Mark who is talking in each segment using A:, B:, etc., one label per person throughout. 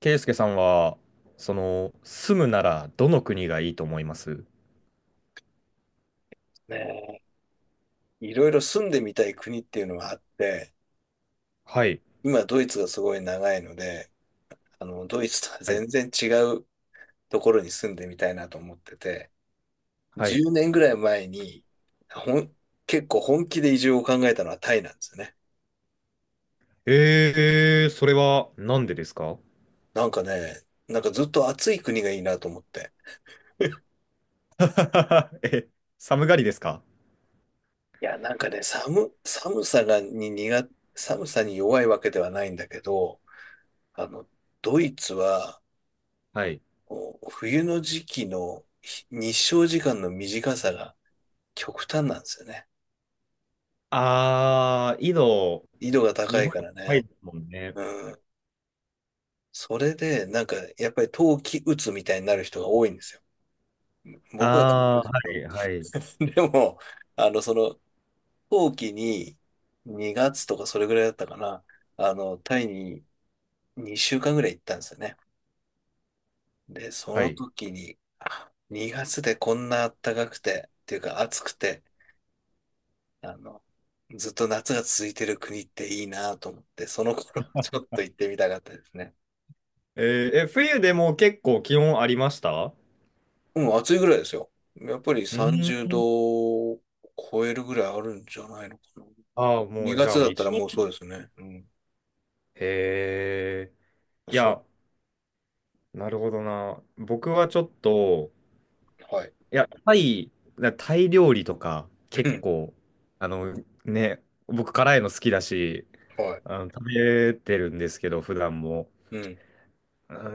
A: ケイスケさんは、住むならどの国がいいと思います？
B: ねえ、いろいろ住んでみたい国っていうのはあって、
A: はい。
B: 今ドイツがすごい長いので、あの、ドイツとは
A: はい。
B: 全然違うところに住んでみたいなと思ってて、
A: はい。
B: 10年ぐらい前に、ほん、結構本気で移住を考えたのはタイなんですよね。
A: それはなんでですか？
B: なんかね、なんかずっと暑い国がいいなと思って。
A: え、寒がりですか？
B: いや、なんかね、寒さに弱いわけではないんだけど、あの、ドイツは
A: はい。
B: こう冬の時期の日照時間の短さが極端なんですよね。
A: あー、緯度、
B: 緯度が
A: 日
B: 高
A: 本
B: い
A: よ
B: か
A: り
B: ら
A: 高い
B: ね。
A: ですもんね。
B: うん。それで、なんか、やっぱり冬季うつみたいになる人が多いんですよ。僕は大丈夫
A: あ
B: で
A: ー、
B: すけ
A: はい、
B: ど。
A: はい。
B: でも、あの、その、冬季に2月とかそれぐらいだったかな。あの、タイに2週間ぐらい行ったんですよね。で、そ
A: は
B: の
A: い。
B: 時に、あ2月でこんな暖かくて、っていうか暑くて、あの、ずっと夏が続いてる国っていいなと思って、その頃 ちょっと行ってみたかったですね。
A: え、冬でも結構気温ありました？う
B: うん、暑いぐらいですよ。やっぱり
A: ー
B: 30度
A: ん。
B: を超えるぐらいあるんじゃないのかな。
A: あー、もう
B: 2
A: じゃ
B: 月
A: あもう
B: だったら
A: 一年。
B: もうそうですね。うん。
A: へー。い
B: そ
A: や、なるほどな。僕はちょっと、
B: う、はい。
A: いや、タイ、タイ料理とか、
B: う
A: 結
B: ん、
A: 構、あの、ね、僕辛いの好きだし、
B: はい。
A: 食べてるんですけど、普段も。うん。
B: うん。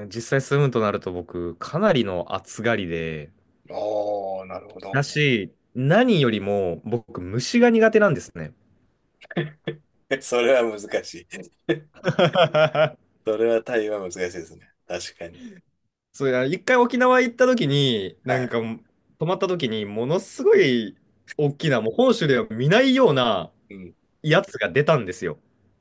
A: 実際住むとなると僕、かなりの暑がりで、
B: ああ、なるほ
A: だ
B: ど。
A: し、何よりも僕、虫が苦手なんですね。
B: それは難しい。それは対話は難しいですね。確かに。
A: そういや、一回沖縄行った時に、
B: は
A: なん
B: い。
A: か、泊まった時に、ものすごい大きな、もう本州では見ないような
B: うん。
A: やつが出たんですよ。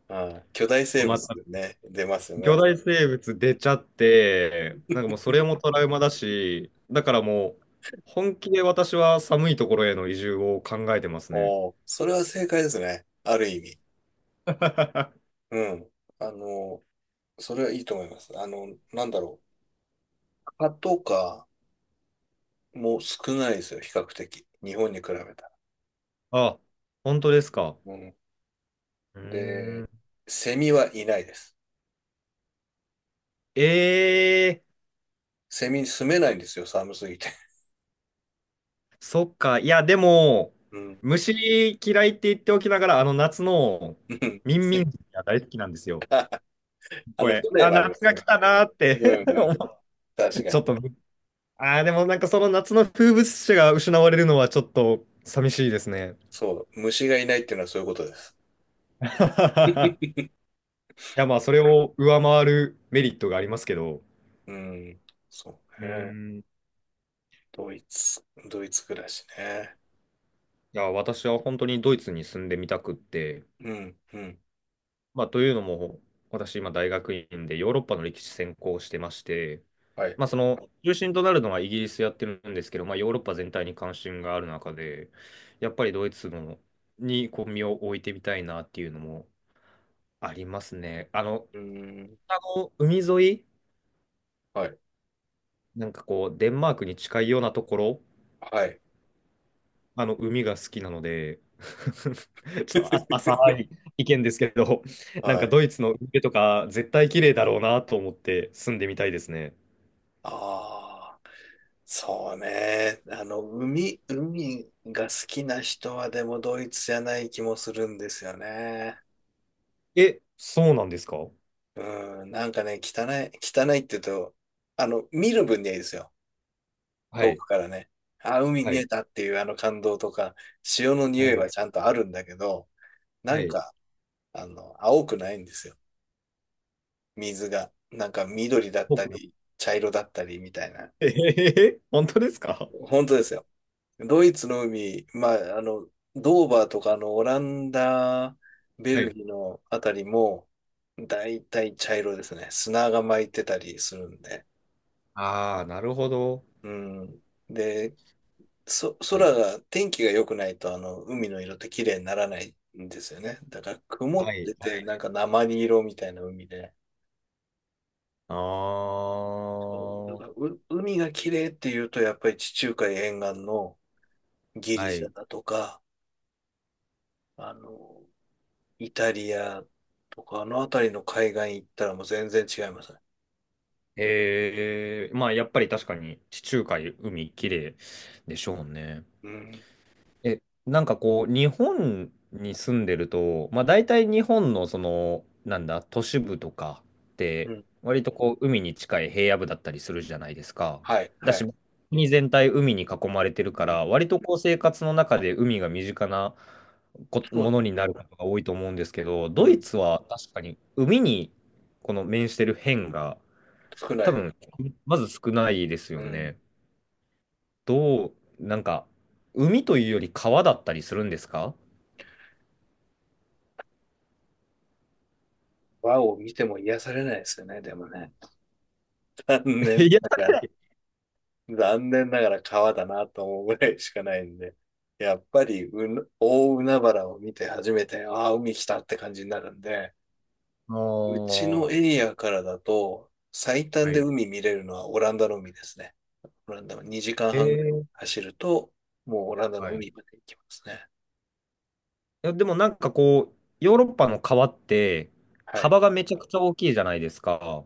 B: ああ、巨大
A: 泊
B: 生
A: ま
B: 物
A: っ
B: で
A: た
B: ね、出ますよ
A: 巨
B: ね。
A: 大生物出ちゃって、なんかもうそれもトラウマだし、だからもう本気で私は寒いところへの移住を考えてますね。
B: おお、それは正解ですね。ある意味。うん。あの、それはいいと思います。あの、なんだろう。蚊とかも少ないですよ、比較的。日本に比べたら。
A: あ、本当ですか。
B: うん。
A: うー
B: で、
A: ん。
B: セミはいないです。
A: え
B: セミ住めないんですよ、寒すぎて。
A: そっか。いや、でも、
B: うん。うん。
A: 虫嫌いって言っておきながら、あの夏の ミンミ
B: せ
A: ンが大好きなんですよ。
B: あ
A: こ
B: の、
A: れ、
B: 風情
A: あ、
B: はありま
A: 夏
B: す
A: が
B: ね。
A: 来たなーっ
B: うん。
A: て
B: う んうん。
A: 思う
B: 確か
A: ちょっ
B: に。
A: と、あー、でもなんかその夏の風物詩が失われるのはちょっと寂しいですね。
B: そう。虫がいないっていうのはそういうことです。
A: い や、まあ、それを上回るメリットがありますけど、
B: うん。そう
A: うー
B: ね。
A: ん、い
B: ドイツ、ドイツ暮らしね。
A: や、私は本当にドイツに住んでみたくって、
B: うん。うん。
A: まあ、というのも、私、今、大学院でヨーロッパの歴史専攻してまして、
B: はい。
A: まあ、中心となるのはイギリスやってるんですけど、まあ、ヨーロッパ全体に関心がある中で、やっぱりドイツのにこう身を置いてみたいなっていうのもありますね。あの、
B: うん。
A: あの海沿い、
B: はい。
A: なんかこう、デンマークに近いようなところ、
B: はい。
A: 海が好きなので、ちょっと浅い意見ですけど、なん
B: は
A: か
B: い。
A: ドイツの海とか絶対綺麗だろうなと思って住んでみたいですね。
B: ああ、そうね。あの、海、海が好きな人はでもドイツじゃない気もするんですよね。
A: え、そうなんですか？
B: うん、なんかね、汚い、汚いって言うと、あの、見る分にはいいですよ。
A: は
B: 遠
A: い、
B: くからね。あ、海
A: は
B: 見え
A: い、
B: たっていうあの感動とか、潮の匂
A: は
B: いは
A: い、
B: ちゃんとあるんだけど、な
A: は
B: ん
A: い。
B: か、あの、青くないんですよ。水が。なんか緑だった
A: 僕の
B: り、茶色だったりみたいな。
A: え本当ですか？
B: 本当ですよ。ドイツの海、まあ、あの、ドーバーとか、あの、オランダ、ベ
A: は
B: ル
A: い。
B: ギーのあたりも、だいたい茶色ですね。砂が巻いてたりするんで。
A: ああ、なるほど。
B: うん。で、
A: は
B: 空
A: い、
B: が、天気が良くないと、あの、海の色って綺麗にならないんですよね。だから、曇
A: は
B: っ
A: い、
B: て
A: は
B: て、
A: い。
B: なんか鉛色みたいな海で。
A: あ
B: そう。
A: あ、
B: だ
A: は
B: から、海が綺麗っていうと、やっぱり地中海沿岸のギリシ
A: い。
B: ャだとか、あの、イタリアとか、あの辺りの海岸行ったらもう全然違いますね。
A: まあやっぱり確かに地中海、海、綺麗でしょうね。
B: うん。
A: え、なんかこう、日本に住んでると、まあ大体日本のその、なんだ、都市部とかっ
B: う
A: て、
B: ん。
A: 割とこう、海に近い平野部だったりするじゃないですか。
B: はい、
A: だ
B: は
A: し、
B: い。
A: 国全体海に囲まれてるか
B: うん。
A: ら、割とこう、生活の中で海が身近なこ
B: そ
A: も
B: う。
A: のになることが多いと思うんですけど、
B: う
A: ドイ
B: ん。
A: ツは確かに海にこの面してる辺が、
B: 少な
A: 多
B: い。
A: 分、まず少ないです
B: う
A: よ
B: ん。
A: ね。どう、なんか、海というより川だったりするんですか？
B: 和を見ても癒されないですよね、でもね。残念
A: 癒
B: な
A: さ
B: がら、
A: れない。
B: 残念ながら川だなと思うぐらいしかないんで。やっぱり大海原を見て初めて、ああ、海来たって感じになるんで、
A: ああ、
B: うち
A: は
B: のエリアからだと、最短で
A: い。
B: 海見れるのはオランダの海ですね。オランダは2時
A: え
B: 間半ぐらい
A: ー
B: 走ると、もうオランダの
A: はい。い
B: 海まで行きますね。
A: や、でもなんかこう、ヨーロッパの川って、
B: はい。
A: 幅がめちゃくちゃ大きいじゃないですか。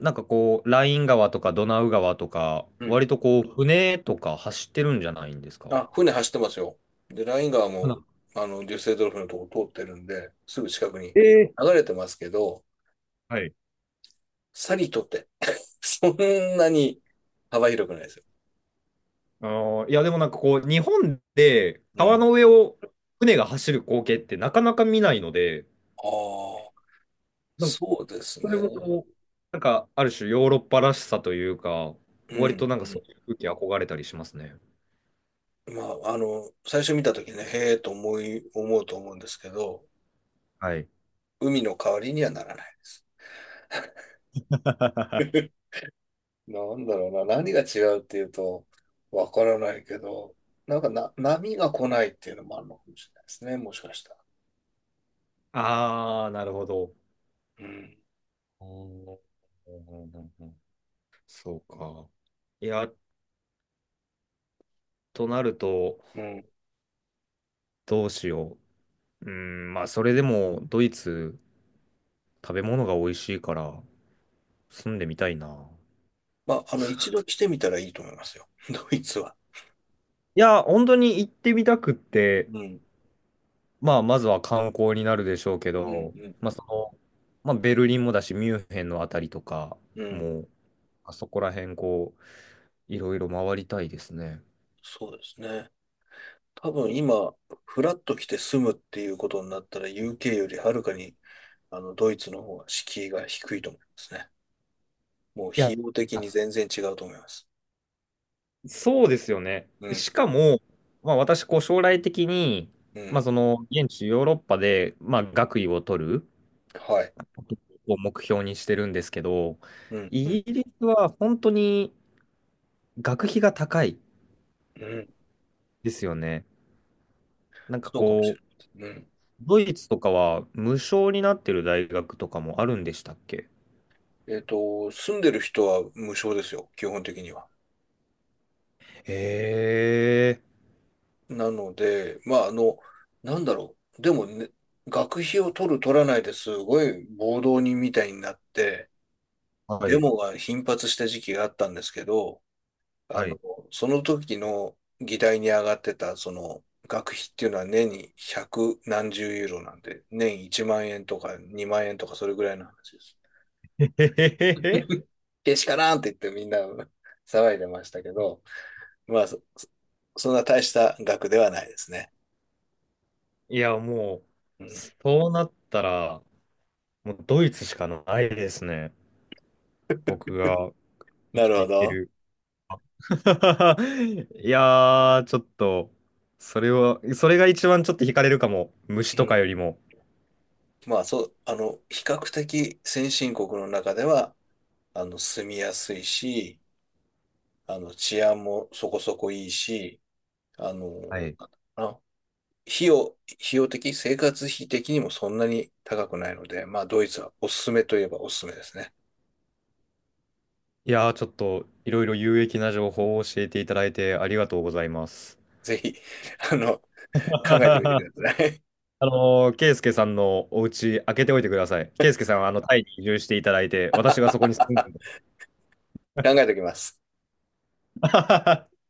A: なんかこう、ライン川とかドナウ川とか、
B: うん。
A: 割とこう、船とか走ってるんじゃないんですか？
B: あ、船走ってますよ。で、ライン川
A: か
B: も、
A: な。
B: あの、デュッセルドルフのとこ通ってるんで、すぐ近くに
A: えー
B: 流れてますけど、
A: はい。
B: さりとって そんなに幅広くないですよ。
A: いや、でもなんかこう、日本で
B: う
A: 川
B: ん。
A: の上を船が走る光景ってなかなか見ないので、
B: ああ、
A: なんか
B: そうです
A: それも
B: ね。
A: こう、なんか、ある種ヨーロッパらしさというか、
B: う
A: 割
B: ん、
A: となん
B: う
A: かそ
B: ん。
A: ういう風景憧れたりしますね。
B: まあ、あの、最初見たときね、へえと思うと思うんですけど、
A: はい。
B: 海の代わりにはならないです。なんだろうな、何が違うっていうと、わからないけど、なんかな、波が来ないっていうのもあるのかもしれないですね、もしかしたら。
A: ああ、なるほど。
B: うん。
A: うんうんうんうん、そうか。いや、となると、
B: うん。
A: どうしよう。うん、まあ、それでも、ドイツ、食べ物が美味しいから、住んでみたいな。
B: まあ、あの、一度来てみたらいいと思いますよ、ドイツは。
A: いや、本当に行ってみたくって、
B: うん。
A: まあ、まずは観光になるでしょうけ
B: う
A: ど、
B: ん、
A: まあ、まあ、ベルリンもだし、ミュンヘンのあたりとか、
B: うん、うん。
A: もう、あそこら辺、こう、いろいろ回りたいですね。
B: そうですね。多分今、フラッと来て住むっていうことになったら、UK よりはるかに、あの、ドイツの方が敷居が低いと思いますね。もう
A: い
B: 費
A: や、
B: 用的
A: あ、
B: に全然違うと思います。
A: そうですよね。
B: うん、
A: しかも、まあ、私、こう、将来的に、
B: う
A: まあ、
B: ん。
A: 現地ヨーロッパで、まあ、学位を取る
B: はい。
A: を目標にしてるんですけど、
B: うん、う
A: イ
B: ん、
A: ギリスは本当に学費が高い
B: うん。
A: ですよね。なんか
B: そうかもし
A: こう、
B: れない。うん。
A: ドイツとかは無償になってる大学とかもあるんでしたっけ？
B: えっと、住んでる人は無償ですよ、基本的には。
A: ええ、
B: なので、まあ、あの、なんだろう。でもね、学費を取る取らないですごい暴動人みたいになって、
A: は
B: デ
A: い。
B: モが頻発した時期があったんですけど、あ
A: は
B: の、
A: い。
B: その時の議題に上がってた、その、学費っていうのは年に百何十ユーロなんで、年1万円とか2万円とかそれぐらいの話です。
A: へへへへ。
B: けしからんって言ってみんな 騒いでましたけど、まあ、そんな大した額ではないですね。
A: いや、も
B: う
A: う、
B: ん。
A: そうなったら、もうドイツしかないですね。僕が生
B: な
A: き
B: る
A: て
B: ほ
A: いけ
B: ど。
A: る。いやー、ちょっと、それは、それが一番ちょっと惹かれるかも。虫
B: う
A: と
B: ん。
A: かよりも。
B: まあ、そう、あの、比較的先進国の中では、あの、住みやすいし、あの、治安もそこそこいいし、あの、なんだ
A: はい。
B: ろうな費用、費用的、生活費的にもそんなに高くないので、まあ、ドイツはおすすめといえばおすすめですね。
A: いやー、ちょっと、いろいろ有益な情報を教えていただいてありがとうございます。
B: ぜひ、あの、考えてみて ください。
A: ケイスケさんのお家開けておいてください。ケイスケさんはあのタイに移住していただいて、私がそこに住んで。
B: 考えておきます。